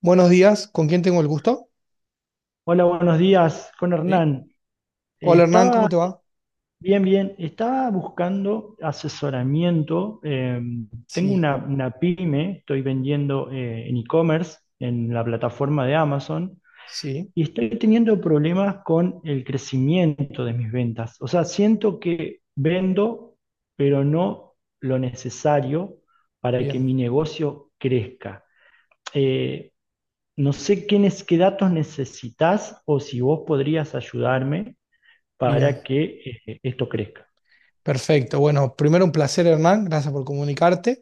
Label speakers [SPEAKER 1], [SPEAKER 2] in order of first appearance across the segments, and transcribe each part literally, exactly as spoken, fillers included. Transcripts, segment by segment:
[SPEAKER 1] Buenos días, ¿con quién tengo el gusto?
[SPEAKER 2] Hola, buenos días con
[SPEAKER 1] ¿Sí?
[SPEAKER 2] Hernán. Eh,
[SPEAKER 1] Hola Hernán, ¿cómo
[SPEAKER 2] estaba
[SPEAKER 1] te va?
[SPEAKER 2] bien, bien, estaba buscando asesoramiento. Eh, tengo
[SPEAKER 1] Sí,
[SPEAKER 2] una, una pyme, estoy vendiendo eh, en e-commerce, en la plataforma de Amazon,
[SPEAKER 1] sí,
[SPEAKER 2] y estoy teniendo problemas con el crecimiento de mis ventas. O sea, siento que vendo, pero no lo necesario para que
[SPEAKER 1] bien,
[SPEAKER 2] mi negocio crezca. Eh, no sé qué, es qué datos necesitas o si vos podrías ayudarme para
[SPEAKER 1] bien,
[SPEAKER 2] que eh, esto crezca.
[SPEAKER 1] perfecto. Bueno, primero un placer Hernán, gracias por comunicarte.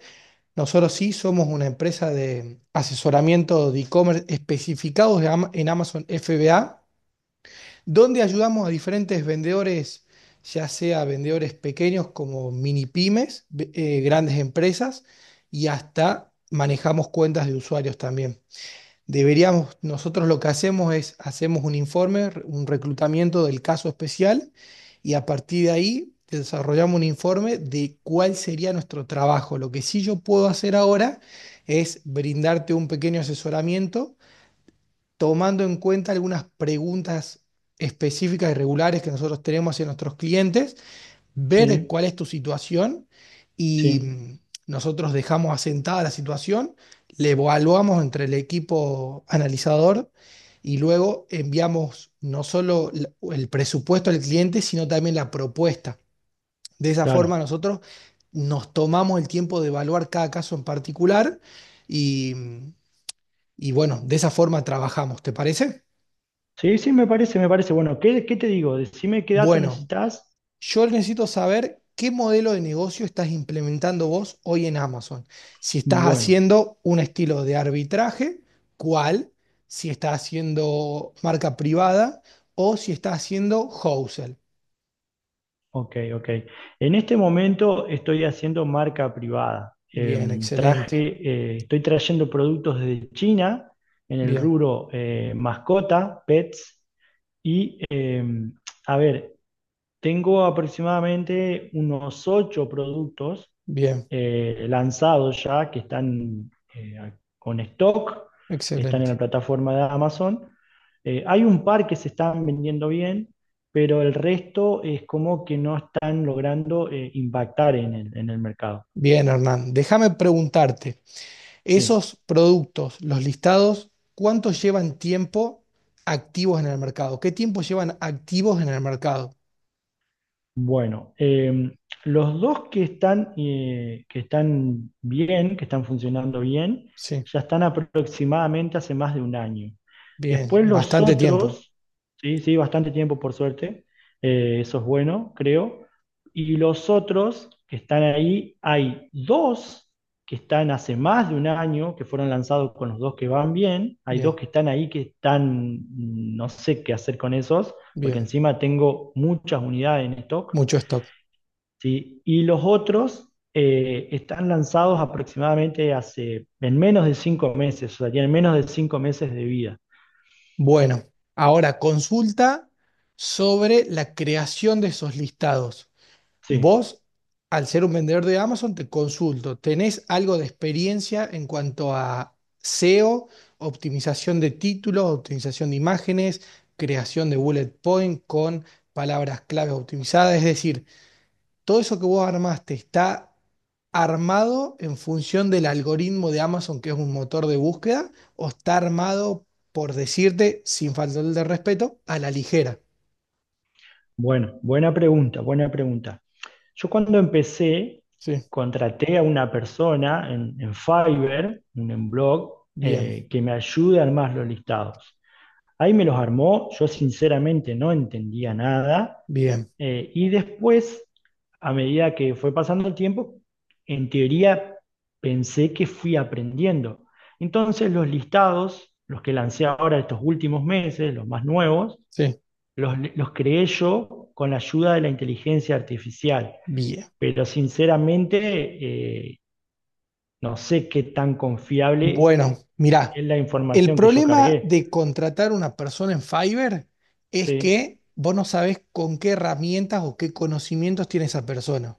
[SPEAKER 1] Nosotros sí somos una empresa de asesoramiento de e-commerce especificados de Ama- en Amazon F B A, donde ayudamos a diferentes vendedores, ya sea vendedores pequeños como mini pymes, ve- eh, grandes empresas y hasta manejamos cuentas de usuarios también. Deberíamos, nosotros lo que hacemos es, hacemos un informe, re- un reclutamiento del caso especial y a partir de ahí desarrollamos un informe de cuál sería nuestro trabajo. Lo que sí yo puedo hacer ahora es brindarte un pequeño asesoramiento tomando en cuenta algunas preguntas específicas y regulares que nosotros tenemos hacia nuestros clientes, ver
[SPEAKER 2] Sí,
[SPEAKER 1] cuál es tu situación, y
[SPEAKER 2] sí,
[SPEAKER 1] mm, nosotros dejamos asentada la situación, le evaluamos entre el equipo analizador y luego enviamos no solo la- el presupuesto al cliente, sino también la propuesta. De esa forma
[SPEAKER 2] claro.
[SPEAKER 1] nosotros nos tomamos el tiempo de evaluar cada caso en particular y, mm, y bueno, de esa forma trabajamos, ¿te parece?
[SPEAKER 2] Sí, sí, me parece, me parece. Bueno, ¿qué, qué te digo? Decime qué dato
[SPEAKER 1] Bueno,
[SPEAKER 2] necesitas.
[SPEAKER 1] yo necesito saber qué modelo de negocio estás implementando vos hoy en Amazon. Si estás
[SPEAKER 2] Bueno,
[SPEAKER 1] haciendo un estilo de arbitraje, ¿cuál? Si estás haciendo marca privada o si estás haciendo wholesale.
[SPEAKER 2] ok, ok. En este momento estoy haciendo marca privada.
[SPEAKER 1] Bien,
[SPEAKER 2] Em, traje,
[SPEAKER 1] excelente.
[SPEAKER 2] eh, estoy trayendo productos de China en el
[SPEAKER 1] Bien,
[SPEAKER 2] rubro eh, mascota, pets, y em, a ver, tengo aproximadamente unos ocho productos
[SPEAKER 1] bien,
[SPEAKER 2] eh, lanzados ya, que están eh, con stock, están en
[SPEAKER 1] excelente.
[SPEAKER 2] la plataforma de Amazon. Eh, hay un par que se están vendiendo bien, pero el resto es como que no están logrando eh, impactar en el, en el mercado.
[SPEAKER 1] Bien, Hernán, déjame preguntarte,
[SPEAKER 2] Sí.
[SPEAKER 1] esos productos, los listados, ¿cuánto llevan tiempo activos en el mercado? ¿Qué tiempo llevan activos en el mercado?
[SPEAKER 2] Bueno, eh, los dos que están, eh, que están bien, que están funcionando bien,
[SPEAKER 1] Sí,
[SPEAKER 2] ya están aproximadamente hace más de un año.
[SPEAKER 1] bien,
[SPEAKER 2] Después los
[SPEAKER 1] bastante tiempo.
[SPEAKER 2] otros, sí, sí, bastante tiempo por suerte, eh, eso es bueno, creo. Y los otros que están ahí, hay dos que están hace más de un año, que fueron lanzados con los dos que van bien, hay dos
[SPEAKER 1] Bien,
[SPEAKER 2] que están ahí que están, no sé qué hacer con esos porque
[SPEAKER 1] bien,
[SPEAKER 2] encima tengo muchas unidades en stock,
[SPEAKER 1] mucho stock.
[SPEAKER 2] ¿sí? Y los otros eh, están lanzados aproximadamente hace, en menos de cinco meses, o sea, tienen menos de cinco meses de vida.
[SPEAKER 1] Bueno, ahora consulta sobre la creación de esos listados.
[SPEAKER 2] Sí,
[SPEAKER 1] Vos, al ser un vendedor de Amazon, te consulto, ¿tenés algo de experiencia en cuanto a S E O, optimización de títulos, optimización de imágenes, creación de bullet point con palabras clave optimizadas? Es decir, todo eso que vos armaste está armado en función del algoritmo de Amazon, que es un motor de búsqueda, o está armado, por decirte, sin faltarle de respeto, a la ligera.
[SPEAKER 2] bueno, buena pregunta, buena pregunta. Yo cuando empecé,
[SPEAKER 1] Sí,
[SPEAKER 2] contraté a una persona en, en Fiverr, un en blog,
[SPEAKER 1] bien,
[SPEAKER 2] eh, que me ayude a armar los listados. Ahí me los armó, yo sinceramente no entendía nada.
[SPEAKER 1] bien,
[SPEAKER 2] Eh, y después, a medida que fue pasando el tiempo, en teoría pensé que fui aprendiendo. Entonces los listados, los que lancé ahora estos últimos meses, los más nuevos,
[SPEAKER 1] sí,
[SPEAKER 2] los, los creé yo con la ayuda de la inteligencia artificial.
[SPEAKER 1] bien.
[SPEAKER 2] Pero sinceramente, eh, no sé qué tan confiable
[SPEAKER 1] Bueno, mirá,
[SPEAKER 2] es la
[SPEAKER 1] el
[SPEAKER 2] información que yo
[SPEAKER 1] problema
[SPEAKER 2] cargué.
[SPEAKER 1] de contratar una persona en Fiverr es
[SPEAKER 2] Sí,
[SPEAKER 1] que vos no sabés con qué herramientas o qué conocimientos tiene esa persona.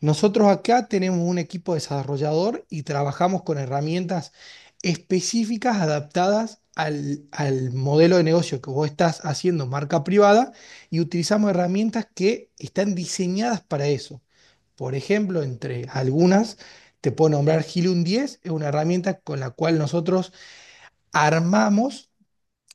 [SPEAKER 1] Nosotros acá tenemos un equipo desarrollador y trabajamos con herramientas específicas adaptadas al, al modelo de negocio que vos estás haciendo, marca privada, y utilizamos herramientas que están diseñadas para eso. Por ejemplo, entre algunas, te puedo nombrar Gilun diez, es una herramienta con la cual nosotros armamos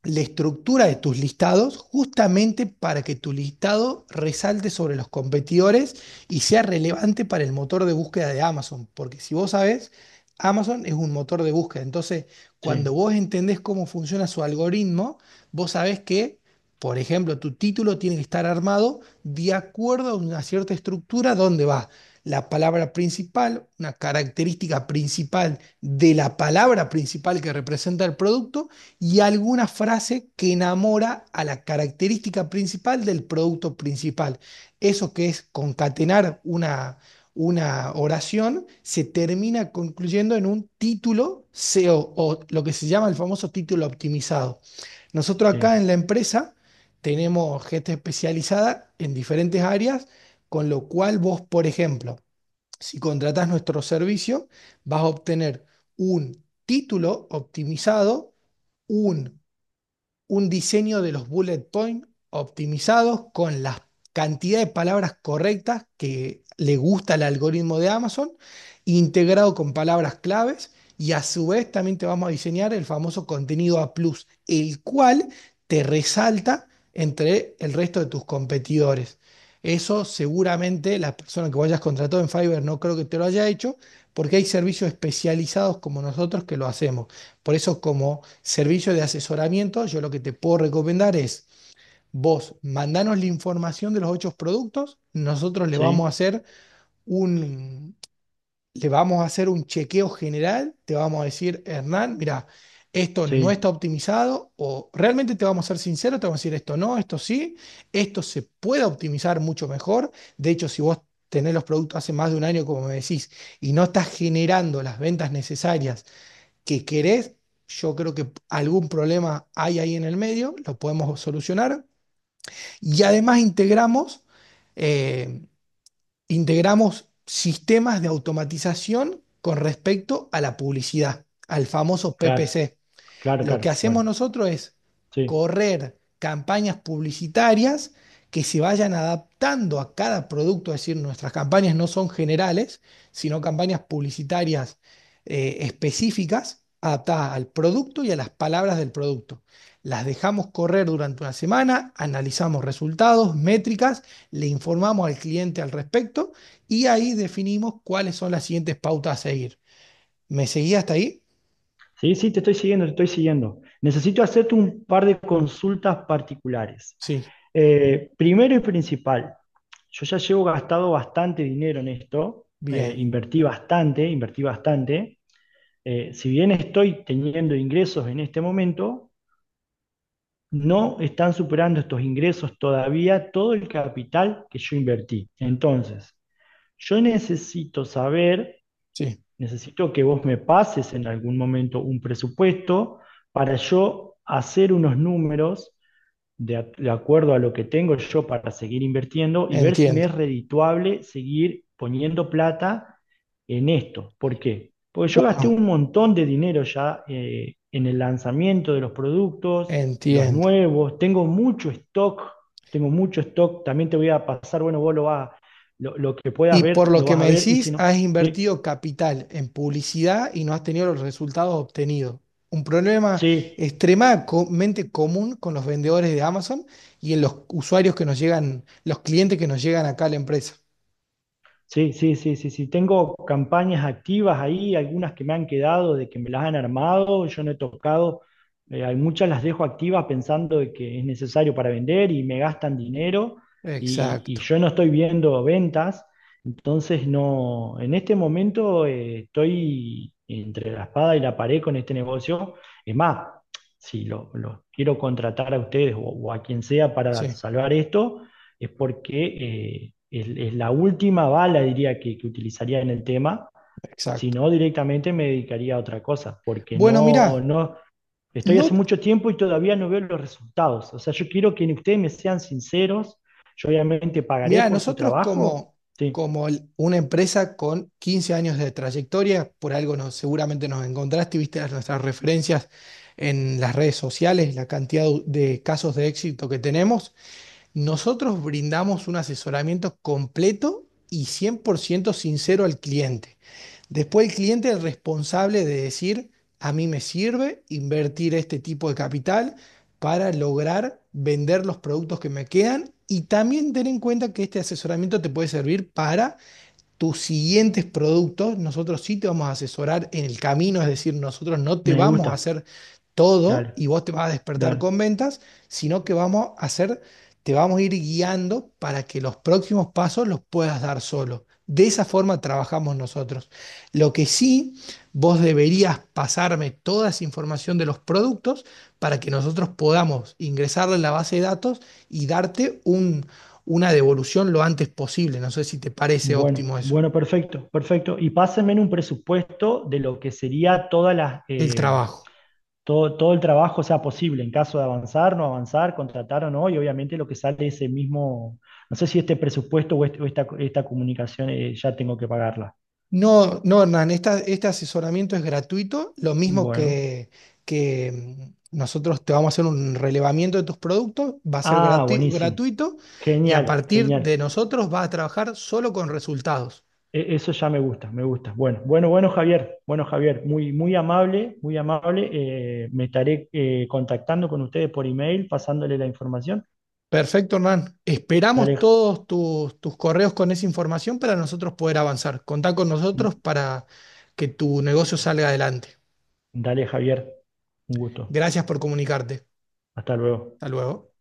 [SPEAKER 1] la estructura de tus listados justamente para que tu listado resalte sobre los competidores y sea relevante para el motor de búsqueda de Amazon. Porque si vos sabés, Amazon es un motor de búsqueda. Entonces, cuando
[SPEAKER 2] sí,
[SPEAKER 1] vos entendés cómo funciona su algoritmo, vos sabés que, por ejemplo, tu título tiene que estar armado de acuerdo a una cierta estructura donde va la palabra principal, una característica principal de la palabra principal que representa el producto y alguna frase que enamora a la característica principal del producto principal. Eso, que es concatenar una, una oración, se termina concluyendo en un título SEO, o o lo que se llama el famoso título optimizado. Nosotros acá en la
[SPEAKER 2] sí,
[SPEAKER 1] empresa tenemos gente especializada en diferentes áreas, con lo cual vos, por ejemplo, si contratás nuestro servicio, vas a obtener un título optimizado, un un diseño de los bullet points optimizados con la cantidad de palabras correctas que le gusta al algoritmo de Amazon, integrado con palabras claves, y a su vez también te vamos a diseñar el famoso contenido A plus, el cual te resalta entre el resto de tus competidores. Eso seguramente la persona que vayas contratado en Fiverr no creo que te lo haya hecho, porque hay servicios especializados como nosotros que lo hacemos. Por eso, como servicio de asesoramiento, yo lo que te puedo recomendar es, vos mandanos la información de los ocho productos, nosotros le vamos a
[SPEAKER 2] sí,
[SPEAKER 1] hacer un, le vamos a hacer un chequeo general, te vamos a decir, Hernán, mira, esto no está
[SPEAKER 2] sí,
[SPEAKER 1] optimizado, o realmente te vamos a ser sinceros, te vamos a decir, esto no, esto sí, esto se puede optimizar mucho mejor. De hecho, si vos tenés los productos hace más de un año, como me decís, y no estás generando las ventas necesarias que querés. Yo creo que algún problema hay ahí en el medio, lo podemos solucionar. Y además integramos, eh, integramos sistemas de automatización con respecto a la publicidad, al famoso
[SPEAKER 2] claro,
[SPEAKER 1] P P C.
[SPEAKER 2] claro,
[SPEAKER 1] Lo que
[SPEAKER 2] claro.
[SPEAKER 1] hacemos
[SPEAKER 2] Bueno,
[SPEAKER 1] nosotros es
[SPEAKER 2] sí.
[SPEAKER 1] correr campañas publicitarias que se vayan adaptando a cada producto, es decir, nuestras campañas no son generales, sino campañas publicitarias eh, específicas adaptadas al producto y a las palabras del producto. Las dejamos correr durante una semana, analizamos resultados, métricas, le informamos al cliente al respecto y ahí definimos cuáles son las siguientes pautas a seguir. ¿Me seguía hasta ahí?
[SPEAKER 2] Sí, sí, te estoy siguiendo, te estoy siguiendo. Necesito hacerte un par de consultas particulares.
[SPEAKER 1] Sí,
[SPEAKER 2] Eh, primero y principal, yo ya llevo gastado bastante dinero en esto, eh,
[SPEAKER 1] bien,
[SPEAKER 2] invertí bastante, invertí bastante. Eh, si bien estoy teniendo ingresos en este momento, no están superando estos ingresos todavía todo el capital que yo invertí. Entonces, yo necesito saber.
[SPEAKER 1] sí.
[SPEAKER 2] Necesito que vos me pases en algún momento un presupuesto para yo hacer unos números de, a- de acuerdo a lo que tengo yo para seguir invirtiendo y ver si me es
[SPEAKER 1] Entiendo.
[SPEAKER 2] redituable seguir poniendo plata en esto. ¿Por qué? Porque yo gasté
[SPEAKER 1] Bueno,
[SPEAKER 2] un montón de dinero ya eh, en el lanzamiento de los productos, los
[SPEAKER 1] entiendo.
[SPEAKER 2] nuevos, tengo mucho stock, tengo mucho stock, también te voy a pasar, bueno, vos lo vas, lo, lo que puedas
[SPEAKER 1] Y por
[SPEAKER 2] ver,
[SPEAKER 1] lo
[SPEAKER 2] lo
[SPEAKER 1] que
[SPEAKER 2] vas a
[SPEAKER 1] me
[SPEAKER 2] ver y si
[SPEAKER 1] decís,
[SPEAKER 2] no,
[SPEAKER 1] has
[SPEAKER 2] ¿sí?
[SPEAKER 1] invertido capital en publicidad y no has tenido los resultados obtenidos. Un problema
[SPEAKER 2] Sí,
[SPEAKER 1] extremadamente común con los vendedores de Amazon y en los usuarios que nos llegan, los clientes que nos llegan acá a la empresa.
[SPEAKER 2] sí, sí, sí, sí, sí. Tengo campañas activas ahí, algunas que me han quedado de que me las han armado, yo no he tocado, eh, hay muchas las dejo activas pensando de que es necesario para vender y me gastan dinero y, y
[SPEAKER 1] Exacto,
[SPEAKER 2] yo no estoy viendo ventas, entonces no, en este momento eh, estoy entre la espada y la pared con este negocio. Es más, si lo, lo quiero contratar a ustedes o o a quien sea para
[SPEAKER 1] sí,
[SPEAKER 2] salvar esto es porque eh, es, es la última bala, diría, que, que utilizaría en el tema, si
[SPEAKER 1] exacto.
[SPEAKER 2] no directamente me dedicaría a otra cosa, porque
[SPEAKER 1] Bueno,
[SPEAKER 2] no,
[SPEAKER 1] mirá,
[SPEAKER 2] no, estoy hace
[SPEAKER 1] no,
[SPEAKER 2] mucho tiempo y todavía no veo los resultados. O sea, yo quiero que ustedes me sean sinceros, yo obviamente pagaré
[SPEAKER 1] mira,
[SPEAKER 2] por su
[SPEAKER 1] nosotros
[SPEAKER 2] trabajo,
[SPEAKER 1] como,
[SPEAKER 2] sí,
[SPEAKER 1] como el- una empresa con quince años de trayectoria, por algo nos, seguramente nos encontraste, y viste las- nuestras referencias en las redes sociales, la cantidad de de casos de éxito que tenemos, nosotros brindamos un asesoramiento completo y cien por ciento sincero al cliente. Después el cliente es el responsable de decir, a mí me sirve invertir este tipo de capital para lograr vender los productos que me quedan, y también ten en cuenta que este asesoramiento te puede servir para tus siguientes productos. Nosotros sí te vamos a asesorar en el camino, es decir, nosotros no te
[SPEAKER 2] me
[SPEAKER 1] vamos a
[SPEAKER 2] gusta,
[SPEAKER 1] hacer todo y
[SPEAKER 2] dale,
[SPEAKER 1] vos te vas a despertar
[SPEAKER 2] dale.
[SPEAKER 1] con ventas, sino que vamos a hacer, te vamos a ir guiando para que los próximos pasos los puedas dar solo. De esa forma trabajamos nosotros. Lo que sí, vos deberías pasarme toda esa información de los productos para que nosotros podamos ingresarla en la base de datos y darte un, una devolución lo antes posible. No sé si te parece
[SPEAKER 2] Bueno,
[SPEAKER 1] óptimo eso.
[SPEAKER 2] bueno, perfecto, perfecto. Y pásenme un presupuesto de lo que sería todas las...
[SPEAKER 1] El
[SPEAKER 2] eh,
[SPEAKER 1] trabajo.
[SPEAKER 2] Todo, todo el trabajo sea posible en caso de avanzar, no avanzar, contratar o no, y obviamente lo que sale ese mismo, no sé si este presupuesto o, este- o esta, esta comunicación eh, ya tengo que pagarla.
[SPEAKER 1] No, no, Hernán, esta- este asesoramiento es gratuito, lo mismo
[SPEAKER 2] Bueno.
[SPEAKER 1] que, que mm, nosotros te vamos a hacer un relevamiento de tus productos, va a ser
[SPEAKER 2] Ah,
[SPEAKER 1] grati-
[SPEAKER 2] buenísimo.
[SPEAKER 1] gratuito, y a
[SPEAKER 2] Genial,
[SPEAKER 1] partir de
[SPEAKER 2] genial.
[SPEAKER 1] nosotros vas a trabajar solo con resultados.
[SPEAKER 2] E- Eso ya me gusta, me gusta. Bueno, bueno, bueno, Javier. Bueno, Javier, muy, muy amable, muy amable. Eh, me estaré eh, contactando con ustedes por email, pasándole la información.
[SPEAKER 1] Perfecto, Hernán. Esperamos
[SPEAKER 2] Dale,
[SPEAKER 1] todos tus, tus correos con esa información para nosotros poder avanzar. Contá con nosotros para que tu negocio salga adelante.
[SPEAKER 2] dale, Javier. Un gusto.
[SPEAKER 1] Gracias por comunicarte.
[SPEAKER 2] Hasta luego.
[SPEAKER 1] Hasta luego.